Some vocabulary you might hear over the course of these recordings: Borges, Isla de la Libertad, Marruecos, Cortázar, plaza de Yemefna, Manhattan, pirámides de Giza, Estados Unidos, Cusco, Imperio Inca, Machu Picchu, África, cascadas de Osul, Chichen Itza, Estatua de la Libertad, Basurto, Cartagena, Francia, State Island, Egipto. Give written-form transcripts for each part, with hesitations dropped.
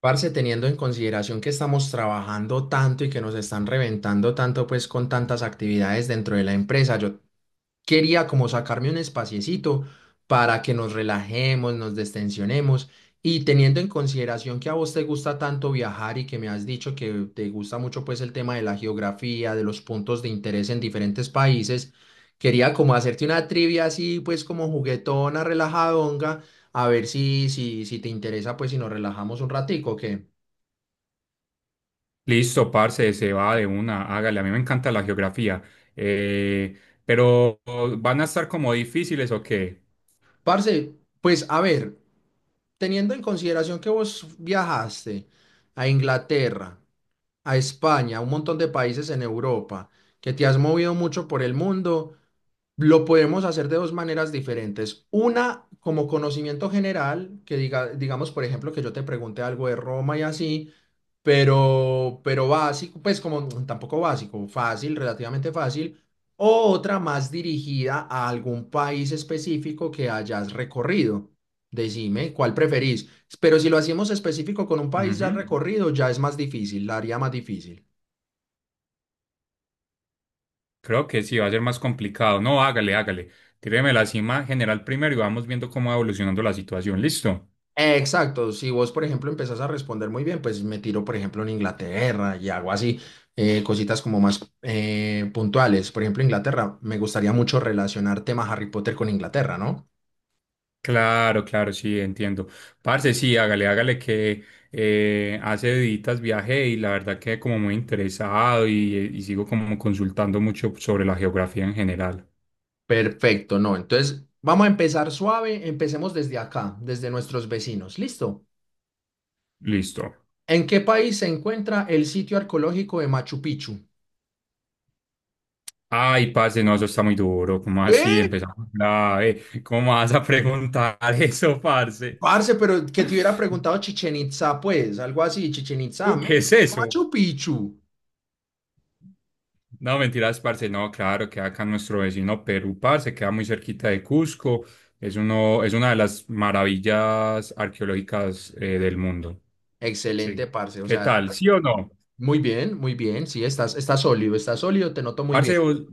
Parce, teniendo en consideración que estamos trabajando tanto y que nos están reventando tanto, pues con tantas actividades dentro de la empresa, yo quería como sacarme un espaciecito para que nos relajemos, nos destensionemos y teniendo en consideración que a vos te gusta tanto viajar y que me has dicho que te gusta mucho pues el tema de la geografía, de los puntos de interés en diferentes países, quería como hacerte una trivia así pues como juguetona, relajadonga, a ver si te interesa pues si nos relajamos un ratico, ¿o qué? Listo, parce, se va de una, hágale. A mí me encanta la geografía. Eh, pero ¿van a estar como difíciles o qué? Parce, pues a ver, teniendo en consideración que vos viajaste a Inglaterra, a España, a un montón de países en Europa, que te has movido mucho por el mundo, lo podemos hacer de dos maneras diferentes. Una, como conocimiento general, que diga, digamos, por ejemplo, que yo te pregunte algo de Roma y así, pero básico, pues como tampoco básico, fácil, relativamente fácil, o otra más dirigida a algún país específico que hayas recorrido. Decime cuál preferís. Pero si lo hacemos específico con un país ya Ujú. recorrido, ya es más difícil, la haría más difícil. Creo que sí, va a ser más complicado. No, hágale, hágale. Tíreme la cima general primero y vamos viendo cómo va evolucionando la situación. ¿Listo? Exacto, si vos, por ejemplo, empezás a responder muy bien, pues me tiro, por ejemplo, en Inglaterra y hago así cositas como más puntuales. Por ejemplo, Inglaterra, me gustaría mucho relacionar tema Harry Potter con Inglaterra, ¿no? Claro, claro, sí, entiendo. Parce, sí, hágale, hágale que hace deditas viajé y la verdad que como muy interesado y sigo como consultando mucho sobre la geografía en general. Perfecto, no. Entonces, vamos a empezar suave. Empecemos desde acá, desde nuestros vecinos. ¿Listo? Listo. ¿En qué país se encuentra el sitio arqueológico de Machu Picchu? Ay, parce, no, eso está muy duro. ¿Cómo así? ¿Eh? Empezamos grave. ¿Cómo vas a preguntar eso, parce? Parce, pero que te hubiera preguntado Chichen Itza, pues, algo así, Chichen Itza, ¿Tú qué es México, eso? Machu Picchu. No, mentiras, parce. No, claro, queda acá nuestro vecino Perú, parce. Queda muy cerquita de Cusco. Es una de las maravillas arqueológicas del mundo. Excelente, Sí. parce. O ¿Qué sea, tal? ¿Sí estás o no? muy bien, muy bien. Sí, estás sólido, estás sólido, te noto muy Parce, bien. vos-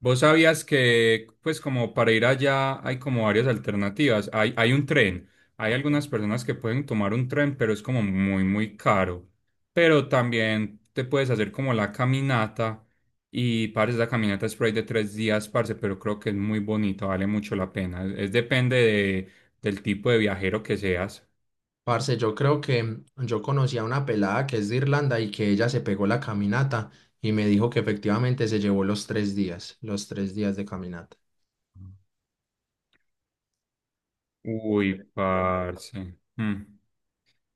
Vos sabías que, pues, como para ir allá hay como varias alternativas. Hay un tren. Hay algunas personas que pueden tomar un tren, pero es como muy, muy caro. Pero también te puedes hacer como la caminata. Y, parce, la caminata es por ahí de 3 días, parce, pero creo que es muy bonito, vale mucho la pena. Es depende del tipo de viajero que seas. Parce, yo creo que yo conocí a una pelada que es de Irlanda y que ella se pegó la caminata y me dijo que efectivamente se llevó los tres días de caminata. Uy, parce. Mm.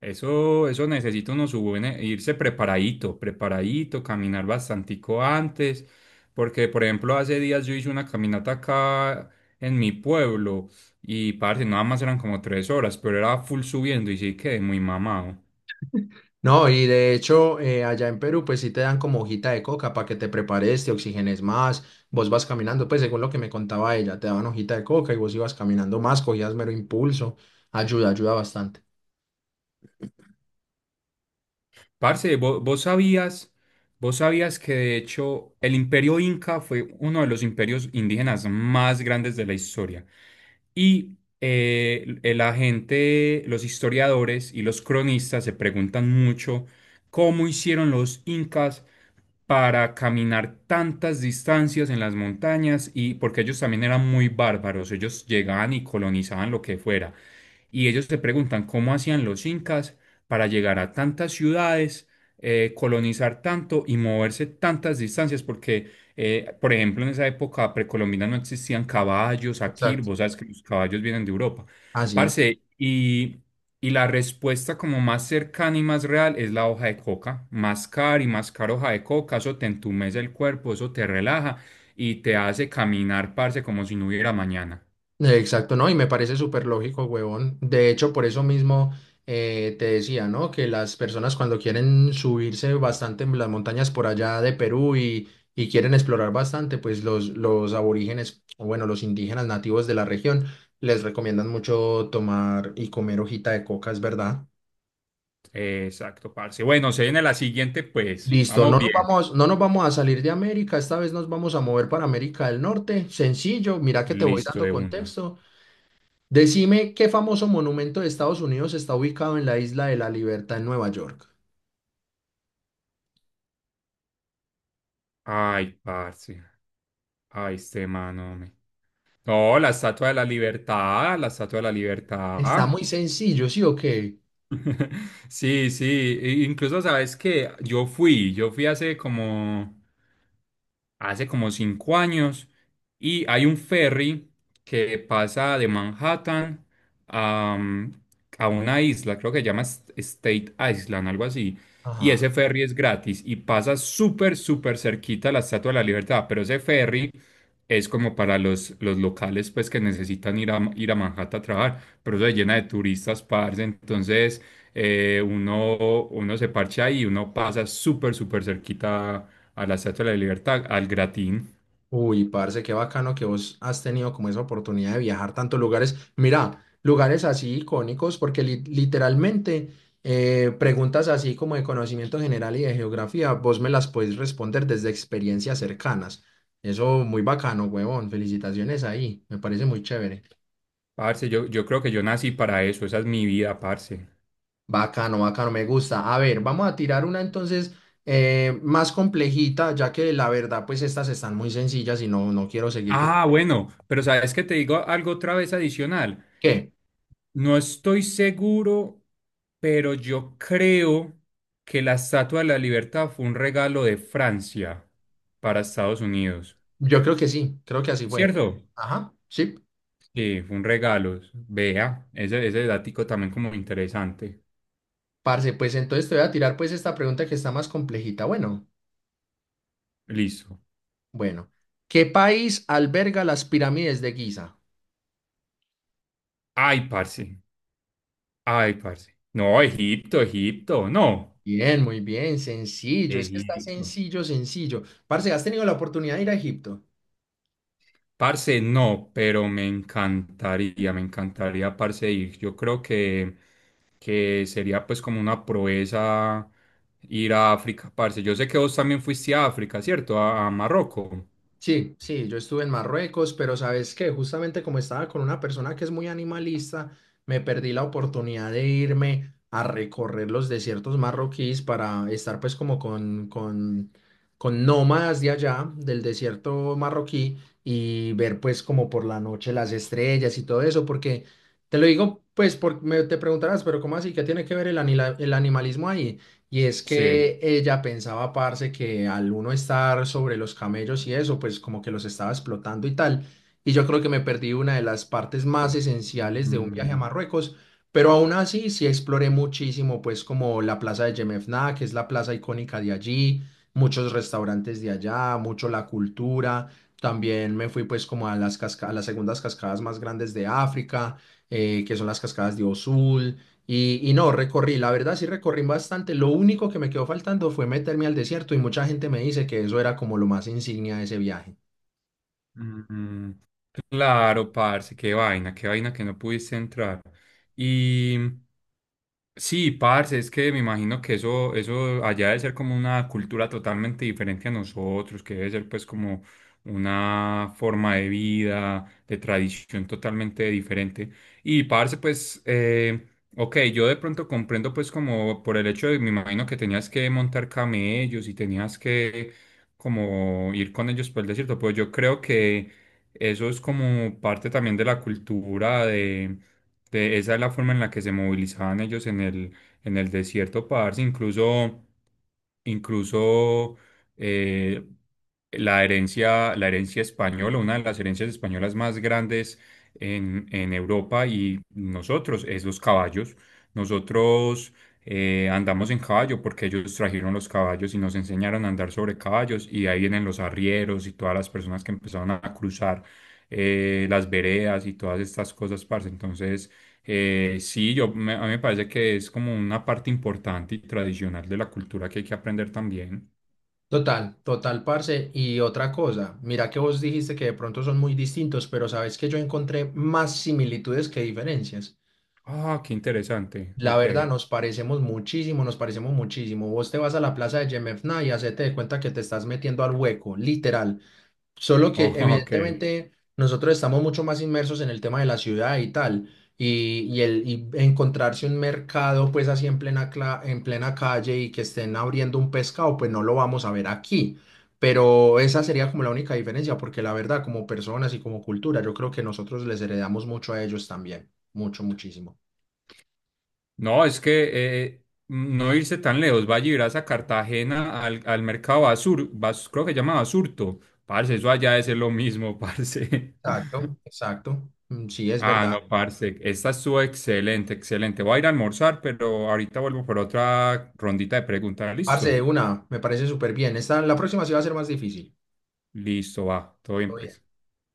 Eso necesita uno su irse preparadito, preparadito, caminar bastantico antes, porque por ejemplo hace días yo hice una caminata acá en mi pueblo y parce, nada más eran como 3 horas, pero era full subiendo y sí quedé muy mamado. No, y de hecho, allá en Perú, pues sí te dan como hojita de coca para que te prepares, te oxigenes más, vos vas caminando, pues según lo que me contaba ella, te daban hojita de coca y vos ibas caminando más, cogías mero impulso, ayuda, ayuda bastante. Parce, vos sabías que de hecho el Imperio Inca fue uno de los imperios indígenas más grandes de la historia. Y la gente, los historiadores y los cronistas se preguntan mucho cómo hicieron los incas para caminar tantas distancias en las montañas y porque ellos también eran muy bárbaros, ellos llegaban y colonizaban lo que fuera y ellos se preguntan cómo hacían los incas para llegar a tantas ciudades, colonizar tanto y moverse tantas distancias, porque, por ejemplo, en esa época precolombina no existían caballos aquí, Exacto. vos sabes que los caballos vienen de Europa. Así es. Parce, y la respuesta como más cercana y más real es la hoja de coca. Mascar y mascar hoja de coca, eso te entumece el cuerpo, eso te relaja y te hace caminar, parce, como si no hubiera mañana. Exacto, ¿no? Y me parece súper lógico, huevón. De hecho, por eso mismo te decía, ¿no? Que las personas cuando quieren subirse bastante en las montañas por allá de Perú y quieren explorar bastante, pues los aborígenes, o bueno, los indígenas nativos de la región, les recomiendan mucho tomar y comer hojita de coca, es verdad. Exacto, parce. Bueno, se viene la siguiente, pues. Listo, Vamos no nos bien. vamos, no nos vamos a salir de América, esta vez nos vamos a mover para América del Norte. Sencillo, mira que te voy Listo dando de una. contexto. Decime qué famoso monumento de Estados Unidos está ubicado en la Isla de la Libertad en Nueva York. Ay, parce. Ay, este mano, hombre. No, la Estatua de la Libertad, la Estatua de la Está Libertad. muy sencillo, ¿sí o qué? Sí, sí. Incluso, ¿sabes que yo fui hace como 5 años y hay un ferry que pasa de Manhattan a, a una isla, creo que se llama State Island, algo así? Y Ajá. ese ferry es gratis y pasa súper, súper cerquita a la Estatua de la Libertad, pero ese ferry es como para los locales pues que necesitan ir a, ir a Manhattan a trabajar, pero eso se llena de turistas, parce, entonces uno se parcha ahí y uno pasa súper, súper cerquita a la Estatua de la Libertad, al Gratín. Uy, parce, qué bacano que vos has tenido como esa oportunidad de viajar tantos lugares. Mira, lugares así icónicos, porque literalmente preguntas así como de conocimiento general y de geografía, vos me las podés responder desde experiencias cercanas. Eso muy bacano, huevón. Felicitaciones ahí. Me parece muy chévere. Parce, yo creo que yo nací para eso, esa es mi vida, parce. Bacano, bacano, me gusta. A ver, vamos a tirar una entonces más complejita, ya que la verdad, pues estas están muy sencillas y no quiero seguirte. Ah, bueno, pero ¿sabes que te digo algo otra vez adicional? ¿Qué? No estoy seguro, pero yo creo que la Estatua de la Libertad fue un regalo de Francia para Estados Unidos. Yo creo que sí, creo que así fue. ¿Cierto? Ajá, sí, Sí, fue un regalo. Vea, ese datico también como interesante. parce, pues entonces te voy a tirar pues esta pregunta que está más complejita. Bueno, Listo. bueno, ¿qué país alberga las pirámides de Giza? Ay, parce. Ay, parce. No, Egipto, Egipto. No. Bien, muy bien, sencillo, es que está Egipto. sencillo, sencillo. Parce, ¿has tenido la oportunidad de ir a Egipto? Parce, no, pero me encantaría, parce, ir. Yo creo que sería pues como una proeza ir a África, parce. Yo sé que vos también fuiste a África, ¿cierto? A Marruecos. Sí, sí, yo estuve en Marruecos, pero sabes que justamente como estaba con una persona que es muy animalista, me perdí la oportunidad de irme a recorrer los desiertos marroquíes para estar pues como con nómadas de allá, del desierto marroquí, y ver pues como por la noche las estrellas y todo eso, porque te lo digo pues porque te preguntarás, pero ¿cómo así? ¿Qué tiene que ver el animalismo ahí? Y es Sí. que ella pensaba, parce, que al uno estar sobre los camellos y eso, pues como que los estaba explotando y tal. Y yo creo que me perdí una de las partes más esenciales de un viaje a Mm, Marruecos, pero aún así sí exploré muchísimo, pues como la plaza de Yemefna, que es la plaza icónica de allí, muchos restaurantes de allá, mucho la cultura. También me fui pues como a a las segundas cascadas más grandes de África, que son las cascadas de Osul. No, recorrí, la verdad sí recorrí bastante. Lo único que me quedó faltando fue meterme al desierto y mucha gente me dice que eso era como lo más insignia de ese viaje. mm, mm. Claro, parce, qué vaina que no pudiste entrar. Y, sí, parce, es que me imagino que eso allá debe ser como una cultura totalmente diferente a nosotros, que debe ser pues como una forma de vida, de tradición totalmente diferente. Y parce, pues, ok, yo de pronto comprendo pues como por el hecho de, me imagino que tenías que montar camellos y tenías que como ir con ellos por el desierto, pues yo creo que eso es como parte también de la cultura esa es la forma en la que se movilizaban ellos en el desierto, parce. Incluso, incluso eh, la herencia española, una de las herencias españolas más grandes en Europa y nosotros, es los caballos. Nosotros andamos en caballo porque ellos trajeron los caballos y nos enseñaron a andar sobre caballos y de ahí vienen los arrieros y todas las personas que empezaron a cruzar las veredas y todas estas cosas, parce. Entonces, sí, a mí me parece que es como una parte importante y tradicional de la cultura que hay que aprender también. Total, total, parce. Y otra cosa, mira que vos dijiste que de pronto son muy distintos, pero sabes que yo encontré más similitudes que diferencias. Ah, qué interesante. La Ok. verdad, nos parecemos muchísimo, nos parecemos muchísimo. Vos te vas a la plaza de Yemefna y hacete de cuenta que te estás metiendo al hueco, literal. Solo Oh, que ok. evidentemente nosotros estamos mucho más inmersos en el tema de la ciudad y tal, y encontrarse un mercado pues así en en plena calle y que estén abriendo un pescado, pues no lo vamos a ver aquí. Pero esa sería como la única diferencia, porque la verdad, como personas y como cultura, yo creo que nosotros les heredamos mucho a ellos también, mucho, muchísimo. No, es que no irse tan lejos. Vaya y verás a Cartagena al, al mercado creo que se llama Basurto. Parce, eso allá es lo mismo, parce. Exacto, exacto. Mm, sí, es Ah, verdad. Claro. no, parce. Esta estuvo excelente, excelente. Voy a ir a almorzar, pero ahorita vuelvo por otra rondita de preguntas. Parce, ¿Listo? de una, me parece súper bien. Esta, la próxima sí va a ser más difícil. Listo, va. Todo bien, Todo bien. pues.